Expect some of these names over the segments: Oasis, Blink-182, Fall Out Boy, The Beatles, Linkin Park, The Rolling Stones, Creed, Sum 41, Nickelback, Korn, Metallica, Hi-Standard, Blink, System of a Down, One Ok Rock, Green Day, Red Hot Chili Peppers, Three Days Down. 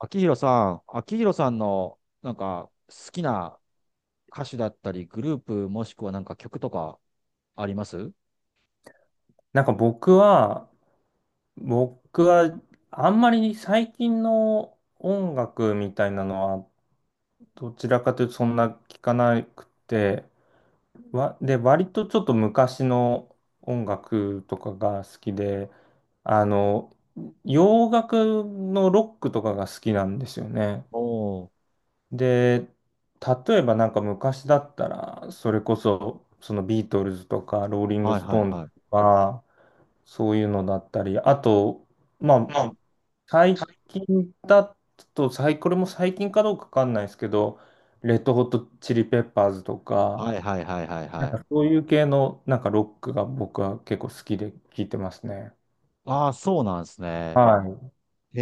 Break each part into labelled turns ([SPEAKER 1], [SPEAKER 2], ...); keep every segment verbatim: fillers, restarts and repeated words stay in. [SPEAKER 1] 秋広さん、秋広さんのなんか好きな歌手だったり、グループもしくはなんか曲とかあります？
[SPEAKER 2] なんか僕は、僕はあんまり最近の音楽みたいなのはどちらかというとそんな聞かなくて、わ、で、割とちょっと昔の音楽とかが好きで、あの、洋楽のロックとかが好きなんですよね。
[SPEAKER 1] おお
[SPEAKER 2] で、例えばなんか昔だったら、それこそそのビートルズとかローリン
[SPEAKER 1] ー、
[SPEAKER 2] グ
[SPEAKER 1] はい
[SPEAKER 2] ス
[SPEAKER 1] は
[SPEAKER 2] ト
[SPEAKER 1] い
[SPEAKER 2] ーンズ
[SPEAKER 1] はい。
[SPEAKER 2] とか、そういうのだったり、あと、まあ、
[SPEAKER 1] ま
[SPEAKER 2] 最近だと、最これも最近かどうかわかんないですけど、レッドホットチリペッパーズと
[SPEAKER 1] あ、は
[SPEAKER 2] か、
[SPEAKER 1] いはいはいはい
[SPEAKER 2] な
[SPEAKER 1] は
[SPEAKER 2] ん
[SPEAKER 1] い。
[SPEAKER 2] かそういう系のなんかロックが僕は結構好きで聴いてますね。
[SPEAKER 1] ああ、そうなんです
[SPEAKER 2] は
[SPEAKER 1] ね。
[SPEAKER 2] い。
[SPEAKER 1] へ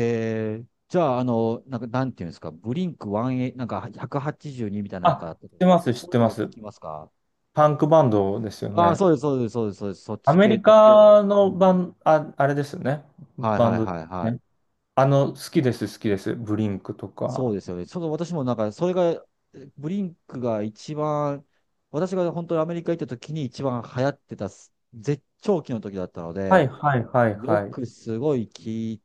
[SPEAKER 1] え。じゃあ、あの、なんか、なんていうんですか、ブリンクワン、なんかワンエイティーツーみたいな、なん
[SPEAKER 2] あ、
[SPEAKER 1] か、
[SPEAKER 2] 知ってます、知っ
[SPEAKER 1] こういう
[SPEAKER 2] て
[SPEAKER 1] の
[SPEAKER 2] ま
[SPEAKER 1] を聞
[SPEAKER 2] す。
[SPEAKER 1] きますか？
[SPEAKER 2] パンクバンドですよ
[SPEAKER 1] ああー、
[SPEAKER 2] ね。
[SPEAKER 1] そうです、そうです、そうです、そうです、そっ
[SPEAKER 2] ア
[SPEAKER 1] ち
[SPEAKER 2] メ
[SPEAKER 1] 系
[SPEAKER 2] リ
[SPEAKER 1] とか。
[SPEAKER 2] カ
[SPEAKER 1] う
[SPEAKER 2] のバ
[SPEAKER 1] ん、
[SPEAKER 2] ン、あ、あれですよね。
[SPEAKER 1] はい
[SPEAKER 2] バ
[SPEAKER 1] は
[SPEAKER 2] ン
[SPEAKER 1] い
[SPEAKER 2] ドで
[SPEAKER 1] は
[SPEAKER 2] す
[SPEAKER 1] いはい。
[SPEAKER 2] ね。あの、好きです、好きです。ブリンクと
[SPEAKER 1] そう
[SPEAKER 2] か。
[SPEAKER 1] ですよね。その私もなんか、それが、ブリンクが一番、私が本当にアメリカ行った時に一番流行ってたす、絶頂期の時だったの
[SPEAKER 2] はい、
[SPEAKER 1] で、
[SPEAKER 2] はい、はい、
[SPEAKER 1] よ
[SPEAKER 2] はい。
[SPEAKER 1] くすごい聞い、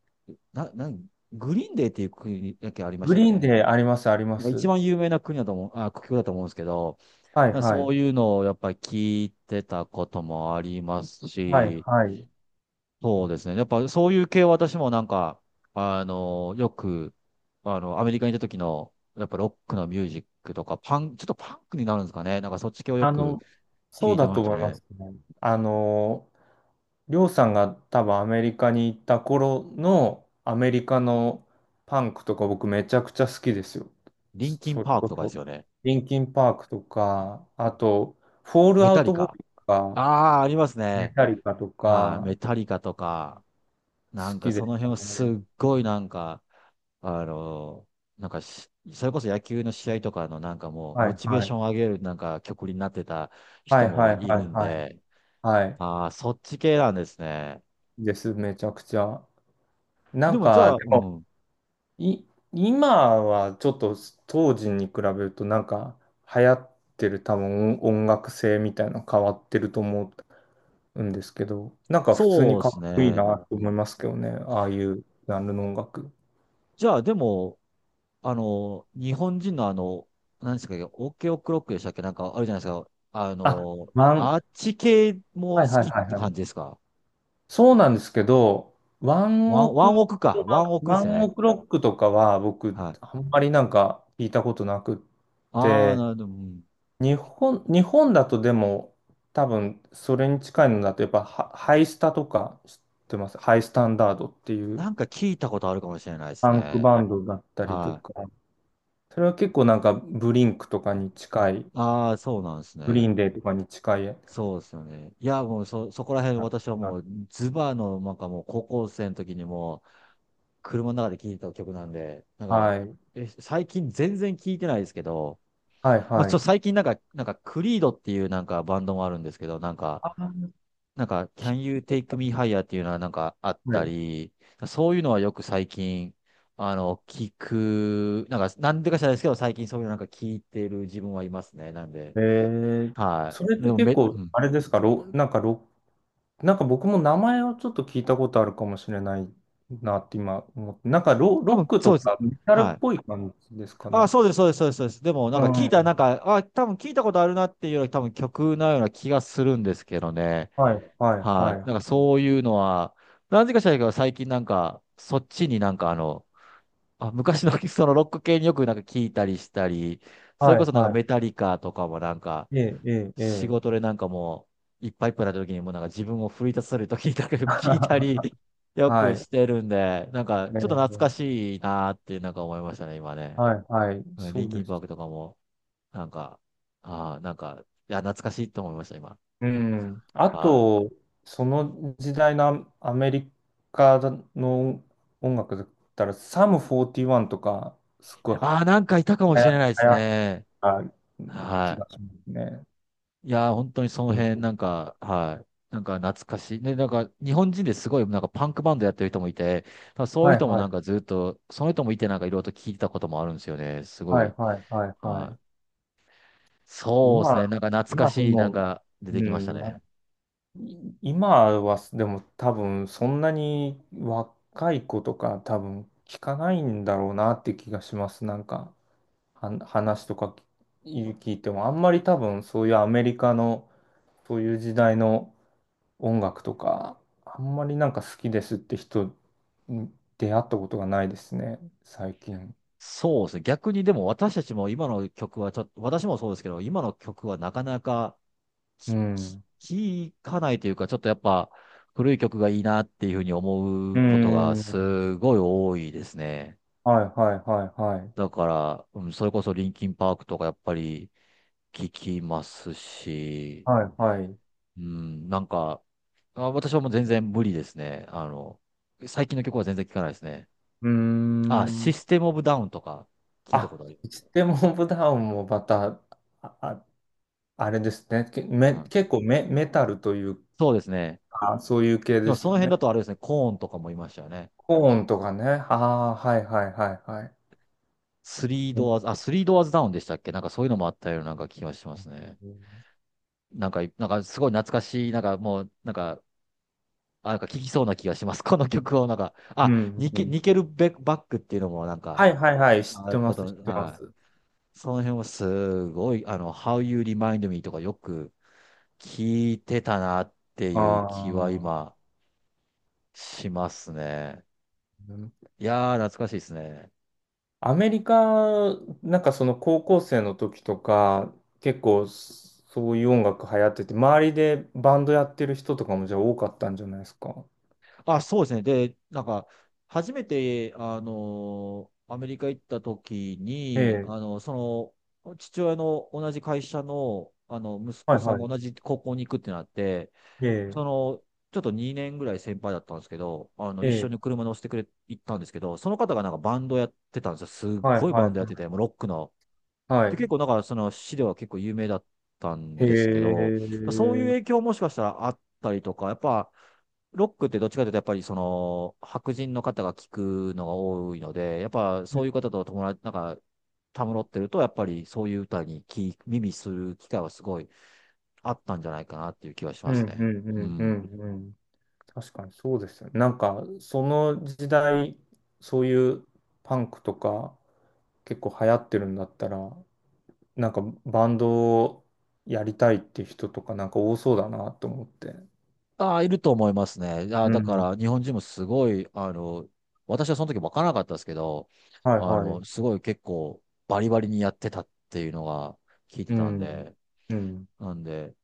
[SPEAKER 1] な、なん、グリーンデーっていう国だけありまし
[SPEAKER 2] グ
[SPEAKER 1] たっ
[SPEAKER 2] リーン
[SPEAKER 1] け？
[SPEAKER 2] であります、ありま
[SPEAKER 1] なんか一
[SPEAKER 2] す。
[SPEAKER 1] 番有名な国だと思う、あ、国境だと思うんですけど、
[SPEAKER 2] はい
[SPEAKER 1] なんか
[SPEAKER 2] は
[SPEAKER 1] そう
[SPEAKER 2] い。
[SPEAKER 1] いうのをやっぱり聞いてたこともあります
[SPEAKER 2] はい
[SPEAKER 1] し、
[SPEAKER 2] はい。
[SPEAKER 1] そうですね。やっぱそういう系は私もなんか、あの、よく、あの、アメリカにいた時の、やっぱロックのミュージックとか、パン、ちょっとパンクになるんですかね。なんかそっち系をよ
[SPEAKER 2] あ
[SPEAKER 1] く
[SPEAKER 2] の、
[SPEAKER 1] 聞
[SPEAKER 2] そう
[SPEAKER 1] いて
[SPEAKER 2] だ
[SPEAKER 1] ま
[SPEAKER 2] と
[SPEAKER 1] した
[SPEAKER 2] 思いま
[SPEAKER 1] ね。
[SPEAKER 2] すね。あの、りょうさんが多分アメリカに行った頃のアメリカのパンクとか僕めちゃくちゃ好きですよ。
[SPEAKER 1] リン
[SPEAKER 2] そ
[SPEAKER 1] キ
[SPEAKER 2] そ
[SPEAKER 1] ン
[SPEAKER 2] れ
[SPEAKER 1] パークと
[SPEAKER 2] こ
[SPEAKER 1] かで
[SPEAKER 2] そ。
[SPEAKER 1] すよね。
[SPEAKER 2] リンキンパークとか、あと、フォール
[SPEAKER 1] メ
[SPEAKER 2] ア
[SPEAKER 1] タ
[SPEAKER 2] ウ
[SPEAKER 1] リ
[SPEAKER 2] トボー
[SPEAKER 1] カ。
[SPEAKER 2] イとか、
[SPEAKER 1] ああ、あります
[SPEAKER 2] メ
[SPEAKER 1] ね。
[SPEAKER 2] タリカと
[SPEAKER 1] はい、メ
[SPEAKER 2] か、
[SPEAKER 1] タリカとか、なん
[SPEAKER 2] 好
[SPEAKER 1] か
[SPEAKER 2] きで
[SPEAKER 1] そ
[SPEAKER 2] し
[SPEAKER 1] の辺
[SPEAKER 2] た
[SPEAKER 1] をすっ
[SPEAKER 2] ね。
[SPEAKER 1] ごいなんか、あの、なんかしそれこそ野球の試合とかのなんかもう、
[SPEAKER 2] は
[SPEAKER 1] モ
[SPEAKER 2] い
[SPEAKER 1] チベー
[SPEAKER 2] は
[SPEAKER 1] ションを
[SPEAKER 2] い。
[SPEAKER 1] 上げるなんか曲になってた
[SPEAKER 2] は
[SPEAKER 1] 人
[SPEAKER 2] い
[SPEAKER 1] も
[SPEAKER 2] はい
[SPEAKER 1] い
[SPEAKER 2] はい
[SPEAKER 1] るん
[SPEAKER 2] はい。
[SPEAKER 1] で、
[SPEAKER 2] はい。
[SPEAKER 1] ああ、そっち系なんですね。
[SPEAKER 2] です、めちゃくちゃ。な
[SPEAKER 1] で
[SPEAKER 2] ん
[SPEAKER 1] もじ
[SPEAKER 2] か、
[SPEAKER 1] ゃ
[SPEAKER 2] で
[SPEAKER 1] あ、うん。
[SPEAKER 2] い、今はちょっと当時に比べるとなんか流行ってる多分音楽性みたいなの変わってると思うんですけど、なんか普通に
[SPEAKER 1] そうで
[SPEAKER 2] かっ
[SPEAKER 1] す
[SPEAKER 2] こいい
[SPEAKER 1] ね。
[SPEAKER 2] なと
[SPEAKER 1] う
[SPEAKER 2] 思い
[SPEAKER 1] ん、
[SPEAKER 2] ますけどね、ああいうジャンルの音楽。
[SPEAKER 1] じゃあ、でも、あの、日本人のあの、何ですか、オケオクロックでしたっけ？なんかあるじゃないですか。あ
[SPEAKER 2] あ、
[SPEAKER 1] の、
[SPEAKER 2] ワ
[SPEAKER 1] あ
[SPEAKER 2] ン、
[SPEAKER 1] っち系
[SPEAKER 2] は
[SPEAKER 1] も
[SPEAKER 2] い
[SPEAKER 1] 好
[SPEAKER 2] はい
[SPEAKER 1] きっ
[SPEAKER 2] はい
[SPEAKER 1] て
[SPEAKER 2] は
[SPEAKER 1] 感
[SPEAKER 2] い。
[SPEAKER 1] じですか？
[SPEAKER 2] そうなんですけど、ワン
[SPEAKER 1] ワン、
[SPEAKER 2] オ
[SPEAKER 1] ワ
[SPEAKER 2] ク、
[SPEAKER 1] ンオクか。ワンオクで
[SPEAKER 2] ワ
[SPEAKER 1] すよ
[SPEAKER 2] ン
[SPEAKER 1] ね。
[SPEAKER 2] オクロックとかは僕
[SPEAKER 1] はい。
[SPEAKER 2] あんまりなんか聞いたことなくっ
[SPEAKER 1] ああ、な
[SPEAKER 2] て、
[SPEAKER 1] るほど。うん、
[SPEAKER 2] 日本、日本だとでも、多分それに近いのだと、やっぱハ、ハイスタとか知ってます。ハイスタンダードっていう
[SPEAKER 1] なんか聞いたことあるかもしれないです
[SPEAKER 2] パンク
[SPEAKER 1] ね。
[SPEAKER 2] バンドだったりと
[SPEAKER 1] はい。
[SPEAKER 2] か、それは結構なんかブリンクとかに近い、
[SPEAKER 1] ああ、そうなんです
[SPEAKER 2] グリー
[SPEAKER 1] ね。
[SPEAKER 2] ンデーとかに近い
[SPEAKER 1] そうですよね。いや、もうそ、そこら辺
[SPEAKER 2] な、
[SPEAKER 1] 私は
[SPEAKER 2] な
[SPEAKER 1] もう、ズバーの、なんかもう高校生の時にもう、車の中で聴いた曲なんで、なんか、
[SPEAKER 2] はい、
[SPEAKER 1] え最近全然聴いてないですけど、
[SPEAKER 2] はい、
[SPEAKER 1] まあ、ち
[SPEAKER 2] は
[SPEAKER 1] ょっと最
[SPEAKER 2] い。
[SPEAKER 1] 近なんか、なんか、クリードっていうなんかバンドもあるんですけど、なんか、
[SPEAKER 2] あー、
[SPEAKER 1] なんか、
[SPEAKER 2] き
[SPEAKER 1] Can You Take Me Higher っていうのはなんかあっ
[SPEAKER 2] は
[SPEAKER 1] た
[SPEAKER 2] い。
[SPEAKER 1] り、そういうのはよく最近、あの、聞く、なんか、なんでか知らないですけど、最近そういうのなんか聞いてる自分はいますね。なんで、
[SPEAKER 2] えー、
[SPEAKER 1] は
[SPEAKER 2] それ
[SPEAKER 1] い。
[SPEAKER 2] っ
[SPEAKER 1] で
[SPEAKER 2] て
[SPEAKER 1] も
[SPEAKER 2] 結
[SPEAKER 1] め、う
[SPEAKER 2] 構、
[SPEAKER 1] ん。
[SPEAKER 2] あれですか、ロ、なんかロなんか僕も名前をちょっと聞いたことあるかもしれないなって今思って、なんかロ、
[SPEAKER 1] 多
[SPEAKER 2] ロッ
[SPEAKER 1] 分、
[SPEAKER 2] ク
[SPEAKER 1] そ
[SPEAKER 2] と
[SPEAKER 1] うです。
[SPEAKER 2] かメタル
[SPEAKER 1] は
[SPEAKER 2] っ
[SPEAKER 1] い。
[SPEAKER 2] ぽい感じですか
[SPEAKER 1] あ、
[SPEAKER 2] ね。
[SPEAKER 1] そうです、そうです、そうです。そうですでも、な
[SPEAKER 2] う
[SPEAKER 1] んか聞いたら、なん
[SPEAKER 2] ん。
[SPEAKER 1] か、あ、多分聞いたことあるなっていうより、多分曲のような気がするんですけどね。
[SPEAKER 2] はい、はい、は
[SPEAKER 1] はい。なんか
[SPEAKER 2] い。
[SPEAKER 1] そういうのは、なぜか知らないけど、最近なんか、そっちになんかあの、あ、昔の そのロック系によくなんか聞いたりしたり、それ
[SPEAKER 2] は
[SPEAKER 1] こ
[SPEAKER 2] い、
[SPEAKER 1] そなんか
[SPEAKER 2] は
[SPEAKER 1] メタリカとかもなんか、
[SPEAKER 2] い。ええ、ええ、え
[SPEAKER 1] 仕
[SPEAKER 2] え。
[SPEAKER 1] 事でなんかもう、いっぱいいっぱいな時にもうなんか自分を奮い立たせる時になんかよく聞いた り、よ
[SPEAKER 2] は
[SPEAKER 1] く
[SPEAKER 2] い。
[SPEAKER 1] してるんで、なんかちょっ
[SPEAKER 2] え
[SPEAKER 1] と懐か
[SPEAKER 2] え、
[SPEAKER 1] しいなーってなんか思いましたね、今ね。
[SPEAKER 2] はい、はい。
[SPEAKER 1] うん、
[SPEAKER 2] そ
[SPEAKER 1] リン
[SPEAKER 2] う
[SPEAKER 1] キ
[SPEAKER 2] で
[SPEAKER 1] ンパー
[SPEAKER 2] す。
[SPEAKER 1] クとかも。なんか、ああ、なんか、いや、懐かしいと思いました、今。
[SPEAKER 2] うん。あ
[SPEAKER 1] は
[SPEAKER 2] と、その時代のアアメリカの音楽だったら、サムフォーティーワンとか、すご
[SPEAKER 1] い。
[SPEAKER 2] い
[SPEAKER 1] ああ、なんかいたかも
[SPEAKER 2] 流
[SPEAKER 1] しれ
[SPEAKER 2] 行
[SPEAKER 1] ないです
[SPEAKER 2] 流
[SPEAKER 1] ね。
[SPEAKER 2] 行った気
[SPEAKER 1] は
[SPEAKER 2] がしますね。
[SPEAKER 1] い。いやー、本当にその辺、なんか、はい。なんか懐かしい。ね、なんか日本人ですごいなんかパンクバンドやってる人もいて、まあそういう
[SPEAKER 2] はい、
[SPEAKER 1] 人も
[SPEAKER 2] は
[SPEAKER 1] なんか
[SPEAKER 2] い。
[SPEAKER 1] ずっと、その人もいてなんかいろいろと聞いてたこともあるんですよね。すご
[SPEAKER 2] はい
[SPEAKER 1] い。
[SPEAKER 2] はいはいは
[SPEAKER 1] は
[SPEAKER 2] い。
[SPEAKER 1] い。そうです
[SPEAKER 2] 今、
[SPEAKER 1] ね。なんか懐か
[SPEAKER 2] 今で
[SPEAKER 1] しい、なん
[SPEAKER 2] も、
[SPEAKER 1] か出て
[SPEAKER 2] う
[SPEAKER 1] きました
[SPEAKER 2] ん、な
[SPEAKER 1] ね。
[SPEAKER 2] い今はでも多分そんなに若い子とか多分聞かないんだろうなって気がします。なんかは話とか聞聞いてもあんまり多分そういうアメリカのそういう時代の音楽とかあんまりなんか好きですって人に出会ったことがないですね、最近。
[SPEAKER 1] そうですね。逆にでも私たちも今の曲はちょっと、私もそうですけど、今の曲はなかなか
[SPEAKER 2] う
[SPEAKER 1] き
[SPEAKER 2] ん。
[SPEAKER 1] き聞かないというか、ちょっとやっぱ古い曲がいいなっていうふうに思
[SPEAKER 2] う
[SPEAKER 1] うことが
[SPEAKER 2] ん。
[SPEAKER 1] すごい多いですね。
[SPEAKER 2] はいはいはいはい。
[SPEAKER 1] だから、うん、それこそリンキンパークとかやっぱり聞きますし、
[SPEAKER 2] はい、はい。う
[SPEAKER 1] うん、なんか、あ、私はもう全然無理ですね。あの、最近の曲は全然聞かないですね。
[SPEAKER 2] ー
[SPEAKER 1] あ、シ
[SPEAKER 2] ん。
[SPEAKER 1] ステムオブダウンとか聞いたこ
[SPEAKER 2] あ、
[SPEAKER 1] とある。
[SPEAKER 2] いつでブダウンもまた、あ、ああれですね。け、
[SPEAKER 1] う
[SPEAKER 2] め、
[SPEAKER 1] ん、
[SPEAKER 2] 結構メ、メタルという
[SPEAKER 1] そうですね。
[SPEAKER 2] か、そういう系
[SPEAKER 1] で
[SPEAKER 2] で
[SPEAKER 1] も
[SPEAKER 2] す
[SPEAKER 1] その
[SPEAKER 2] よ
[SPEAKER 1] 辺
[SPEAKER 2] ね。
[SPEAKER 1] だとあれですね、コーンとかもいましたよね。
[SPEAKER 2] コーンとかね。ああ、はいはいはいはい。
[SPEAKER 1] スリードアー
[SPEAKER 2] う
[SPEAKER 1] ズ、あ、スリードアーズダウンでしたっけ？なんかそういうのもあったようななんか気がしますね。なんか、なんかすごい懐かしい、なんかもう、なんか、あ、なんか聞きそうな気がします。この曲をなんか、
[SPEAKER 2] ん、
[SPEAKER 1] あ、ニ
[SPEAKER 2] う
[SPEAKER 1] ケ、
[SPEAKER 2] ん。
[SPEAKER 1] ニケルベバックっていうのもなん
[SPEAKER 2] は
[SPEAKER 1] か、
[SPEAKER 2] いはいはい。知っ
[SPEAKER 1] あ、
[SPEAKER 2] て
[SPEAKER 1] あ
[SPEAKER 2] ます、
[SPEAKER 1] と、
[SPEAKER 2] 知ってま
[SPEAKER 1] は
[SPEAKER 2] す。
[SPEAKER 1] い。その辺はすごい、あの、How You Remind Me とかよく聞いてたなって
[SPEAKER 2] あ
[SPEAKER 1] いう気は
[SPEAKER 2] あ。
[SPEAKER 1] 今しますね。いやー、懐かしいですね。
[SPEAKER 2] アメリカ、なんかその高校生の時とか、結構そういう音楽流行ってて、周りでバンドやってる人とかもじゃあ多かったんじゃないですか。
[SPEAKER 1] あ、そうですね。で、なんか、初めて、あの、アメリカ行った時
[SPEAKER 2] え
[SPEAKER 1] に、
[SPEAKER 2] え、
[SPEAKER 1] あの、その、父親の同じ会社の、あの、息
[SPEAKER 2] は
[SPEAKER 1] 子
[SPEAKER 2] い
[SPEAKER 1] さん
[SPEAKER 2] はい。
[SPEAKER 1] が同じ高校に行くってなって、
[SPEAKER 2] え
[SPEAKER 1] そ
[SPEAKER 2] え、
[SPEAKER 1] の、ちょっとにねんぐらい先輩だったんですけど、あの、
[SPEAKER 2] え
[SPEAKER 1] 一緒
[SPEAKER 2] え、
[SPEAKER 1] に車乗せてくれ、行ったんですけど、その方がなんかバンドやってたんですよ。すっ
[SPEAKER 2] はい
[SPEAKER 1] ごい
[SPEAKER 2] はい
[SPEAKER 1] バ
[SPEAKER 2] は
[SPEAKER 1] ンドやって
[SPEAKER 2] い。
[SPEAKER 1] て、もうロックの、
[SPEAKER 2] は
[SPEAKER 1] で、結
[SPEAKER 2] い。
[SPEAKER 1] 構だからその市では結構有名だったん
[SPEAKER 2] へえ。
[SPEAKER 1] ですけど、そういう
[SPEAKER 2] うん
[SPEAKER 1] 影響もしかしたらあったりとか、やっぱ、ロックってどっちかというと、やっぱりその、白人の方が聞くのが多いので、やっぱそういう方と友達、なんか、たむろってると、やっぱりそういう歌に聞き耳する機会はすごいあったんじゃないかなっていう気はし
[SPEAKER 2] う
[SPEAKER 1] ます
[SPEAKER 2] んう
[SPEAKER 1] ね。
[SPEAKER 2] ん
[SPEAKER 1] う
[SPEAKER 2] う
[SPEAKER 1] ん。
[SPEAKER 2] んうん。確かにそうですよね。なんか、その時代、そういうパンクとか結構流行ってるんだったら、なんかバンドをやりたいって人とかなんか多そうだなと思って。
[SPEAKER 1] ああ、いると思いますね。ああ、
[SPEAKER 2] う
[SPEAKER 1] だか
[SPEAKER 2] ん。
[SPEAKER 1] ら日本人もすごい、あの、私はその時分からなかったですけど、
[SPEAKER 2] はい
[SPEAKER 1] あ
[SPEAKER 2] は
[SPEAKER 1] の、
[SPEAKER 2] い。
[SPEAKER 1] すごい結構バリバリにやってたっていうのが聞いて
[SPEAKER 2] う
[SPEAKER 1] たん
[SPEAKER 2] ん。
[SPEAKER 1] で、
[SPEAKER 2] うん。
[SPEAKER 1] なんで、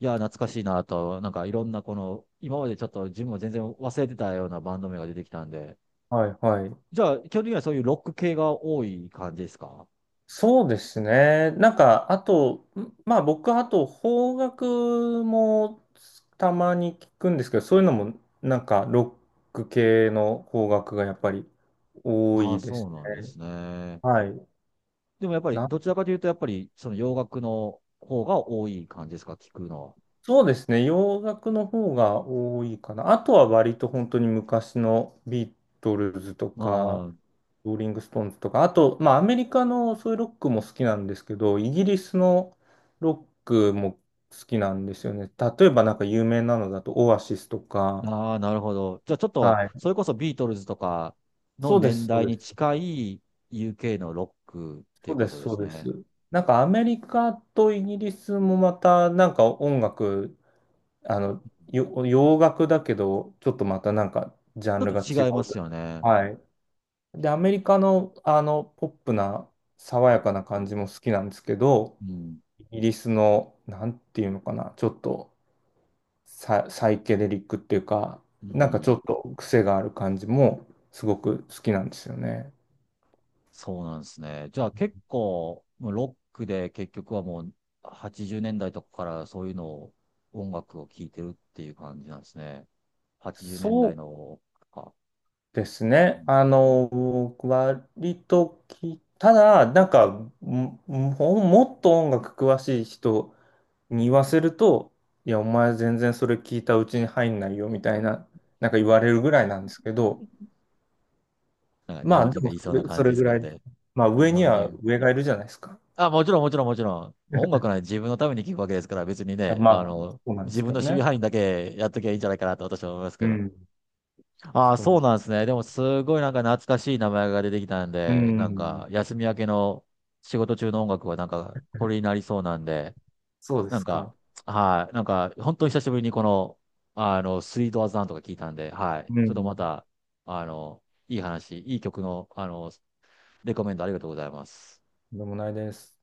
[SPEAKER 1] いや、懐かしいなと、なんかいろんなこの、今までちょっと自分も全然忘れてたようなバンド名が出てきたんで、
[SPEAKER 2] はいはい。
[SPEAKER 1] じゃあ、基本的にはそういうロック系が多い感じですか？
[SPEAKER 2] そうですね。なんか、あと、んまあ僕、あと、邦楽もたまに聞くんですけど、そういうのも、なんか、ロック系の邦楽がやっぱり多
[SPEAKER 1] ああ、
[SPEAKER 2] いで
[SPEAKER 1] そ
[SPEAKER 2] す
[SPEAKER 1] うなんで
[SPEAKER 2] ね。
[SPEAKER 1] すね。
[SPEAKER 2] はい。
[SPEAKER 1] でもやっぱり、どちらかというと、やっぱりその洋楽の方が多い感じですか、聞くの
[SPEAKER 2] そうですね。洋楽の方が多いかな。あとは割と本当に昔のビートルズと
[SPEAKER 1] は。
[SPEAKER 2] か、
[SPEAKER 1] ああ、
[SPEAKER 2] ローリングストーンズとか、あと、まあアメリカのそういうロックも好きなんですけど、イギリスのロックも好きなんですよね。例えばなんか有名なのだとオアシスとか。
[SPEAKER 1] ああ、なるほど。じゃあちょっと、
[SPEAKER 2] はい。
[SPEAKER 1] それこそビートルズとかの
[SPEAKER 2] そうで
[SPEAKER 1] 年
[SPEAKER 2] す、そ
[SPEAKER 1] 代
[SPEAKER 2] うで
[SPEAKER 1] に
[SPEAKER 2] す。
[SPEAKER 1] 近い ユーケー のロックってい
[SPEAKER 2] そ
[SPEAKER 1] う
[SPEAKER 2] う
[SPEAKER 1] こ
[SPEAKER 2] です、
[SPEAKER 1] とで
[SPEAKER 2] そう
[SPEAKER 1] す
[SPEAKER 2] です。
[SPEAKER 1] ね。
[SPEAKER 2] なんかアメリカとイギリスもまたなんか音楽あの、よ洋楽だけど、ちょっとまたなんか、ジャ
[SPEAKER 1] ちょ
[SPEAKER 2] ン
[SPEAKER 1] っ
[SPEAKER 2] ルが違
[SPEAKER 1] と
[SPEAKER 2] う。
[SPEAKER 1] 違いますよね。
[SPEAKER 2] はい。で、アメリカの、あの、ポップな、爽
[SPEAKER 1] う
[SPEAKER 2] や
[SPEAKER 1] ん。
[SPEAKER 2] かな感じも好きなんですけど、
[SPEAKER 1] うん。
[SPEAKER 2] イギリスの、なんていうのかな、ちょっとサ、サイケデリックっていうか、
[SPEAKER 1] う
[SPEAKER 2] なんかち
[SPEAKER 1] ん、
[SPEAKER 2] ょっと癖がある感じも、すごく好きなんですよね。
[SPEAKER 1] そうなんですね。じゃあ結構、もうロックで結局はもうはちじゅうねんだいとかからそういうのを、音楽を聴いてるっていう感じなんですね。80年
[SPEAKER 2] そ
[SPEAKER 1] 代
[SPEAKER 2] う
[SPEAKER 1] の、か、
[SPEAKER 2] です
[SPEAKER 1] うん、
[SPEAKER 2] ね。あの、割とき、ただ、なんか、も、ももっと音楽詳しい人に言わせると、いや、お前全然それ聞いたうちに入んないよ、みたいな、なんか言われるぐらいなんですけど、
[SPEAKER 1] なんか日
[SPEAKER 2] ま
[SPEAKER 1] 本
[SPEAKER 2] あ、で
[SPEAKER 1] 人が
[SPEAKER 2] も
[SPEAKER 1] 言いそ
[SPEAKER 2] そ
[SPEAKER 1] うな
[SPEAKER 2] れ、
[SPEAKER 1] 感
[SPEAKER 2] そ
[SPEAKER 1] じ
[SPEAKER 2] れ
[SPEAKER 1] です
[SPEAKER 2] ぐ
[SPEAKER 1] け
[SPEAKER 2] ら
[SPEAKER 1] ど
[SPEAKER 2] い、
[SPEAKER 1] ね。
[SPEAKER 2] まあ、上
[SPEAKER 1] 日
[SPEAKER 2] に
[SPEAKER 1] 本
[SPEAKER 2] は
[SPEAKER 1] 人、
[SPEAKER 2] 上がいるじゃないですか。
[SPEAKER 1] あ、もちろん、もちろん、もちろん。音楽なんて自分のために聴くわけですから、別に
[SPEAKER 2] いや、
[SPEAKER 1] ね、
[SPEAKER 2] ま
[SPEAKER 1] あ
[SPEAKER 2] あ、
[SPEAKER 1] の、
[SPEAKER 2] そうなんで
[SPEAKER 1] 自
[SPEAKER 2] す
[SPEAKER 1] 分
[SPEAKER 2] け
[SPEAKER 1] の
[SPEAKER 2] ど
[SPEAKER 1] 守備
[SPEAKER 2] ね。
[SPEAKER 1] 範囲だけやっときゃいいんじゃないかなと私は思いますけ
[SPEAKER 2] う
[SPEAKER 1] ど。
[SPEAKER 2] ん。
[SPEAKER 1] ああ、
[SPEAKER 2] そ
[SPEAKER 1] そう
[SPEAKER 2] う、
[SPEAKER 1] なんですね。でも、すごいなんか懐かしい名前が出てきたん
[SPEAKER 2] う
[SPEAKER 1] で、なん
[SPEAKER 2] ん。
[SPEAKER 1] か、休み明けの仕事中の音楽はなんか、これになりそうなんで、
[SPEAKER 2] そうで
[SPEAKER 1] なん
[SPEAKER 2] す
[SPEAKER 1] か、
[SPEAKER 2] か。
[SPEAKER 1] はい、なんか、本当に久しぶりにこの、あの、スイートアザンとか聞いたんで、はい、
[SPEAKER 2] う
[SPEAKER 1] ちょっとま
[SPEAKER 2] ん。
[SPEAKER 1] た、あの、いい話、いい曲の、あの、レコメンドありがとうございます。
[SPEAKER 2] でもないです。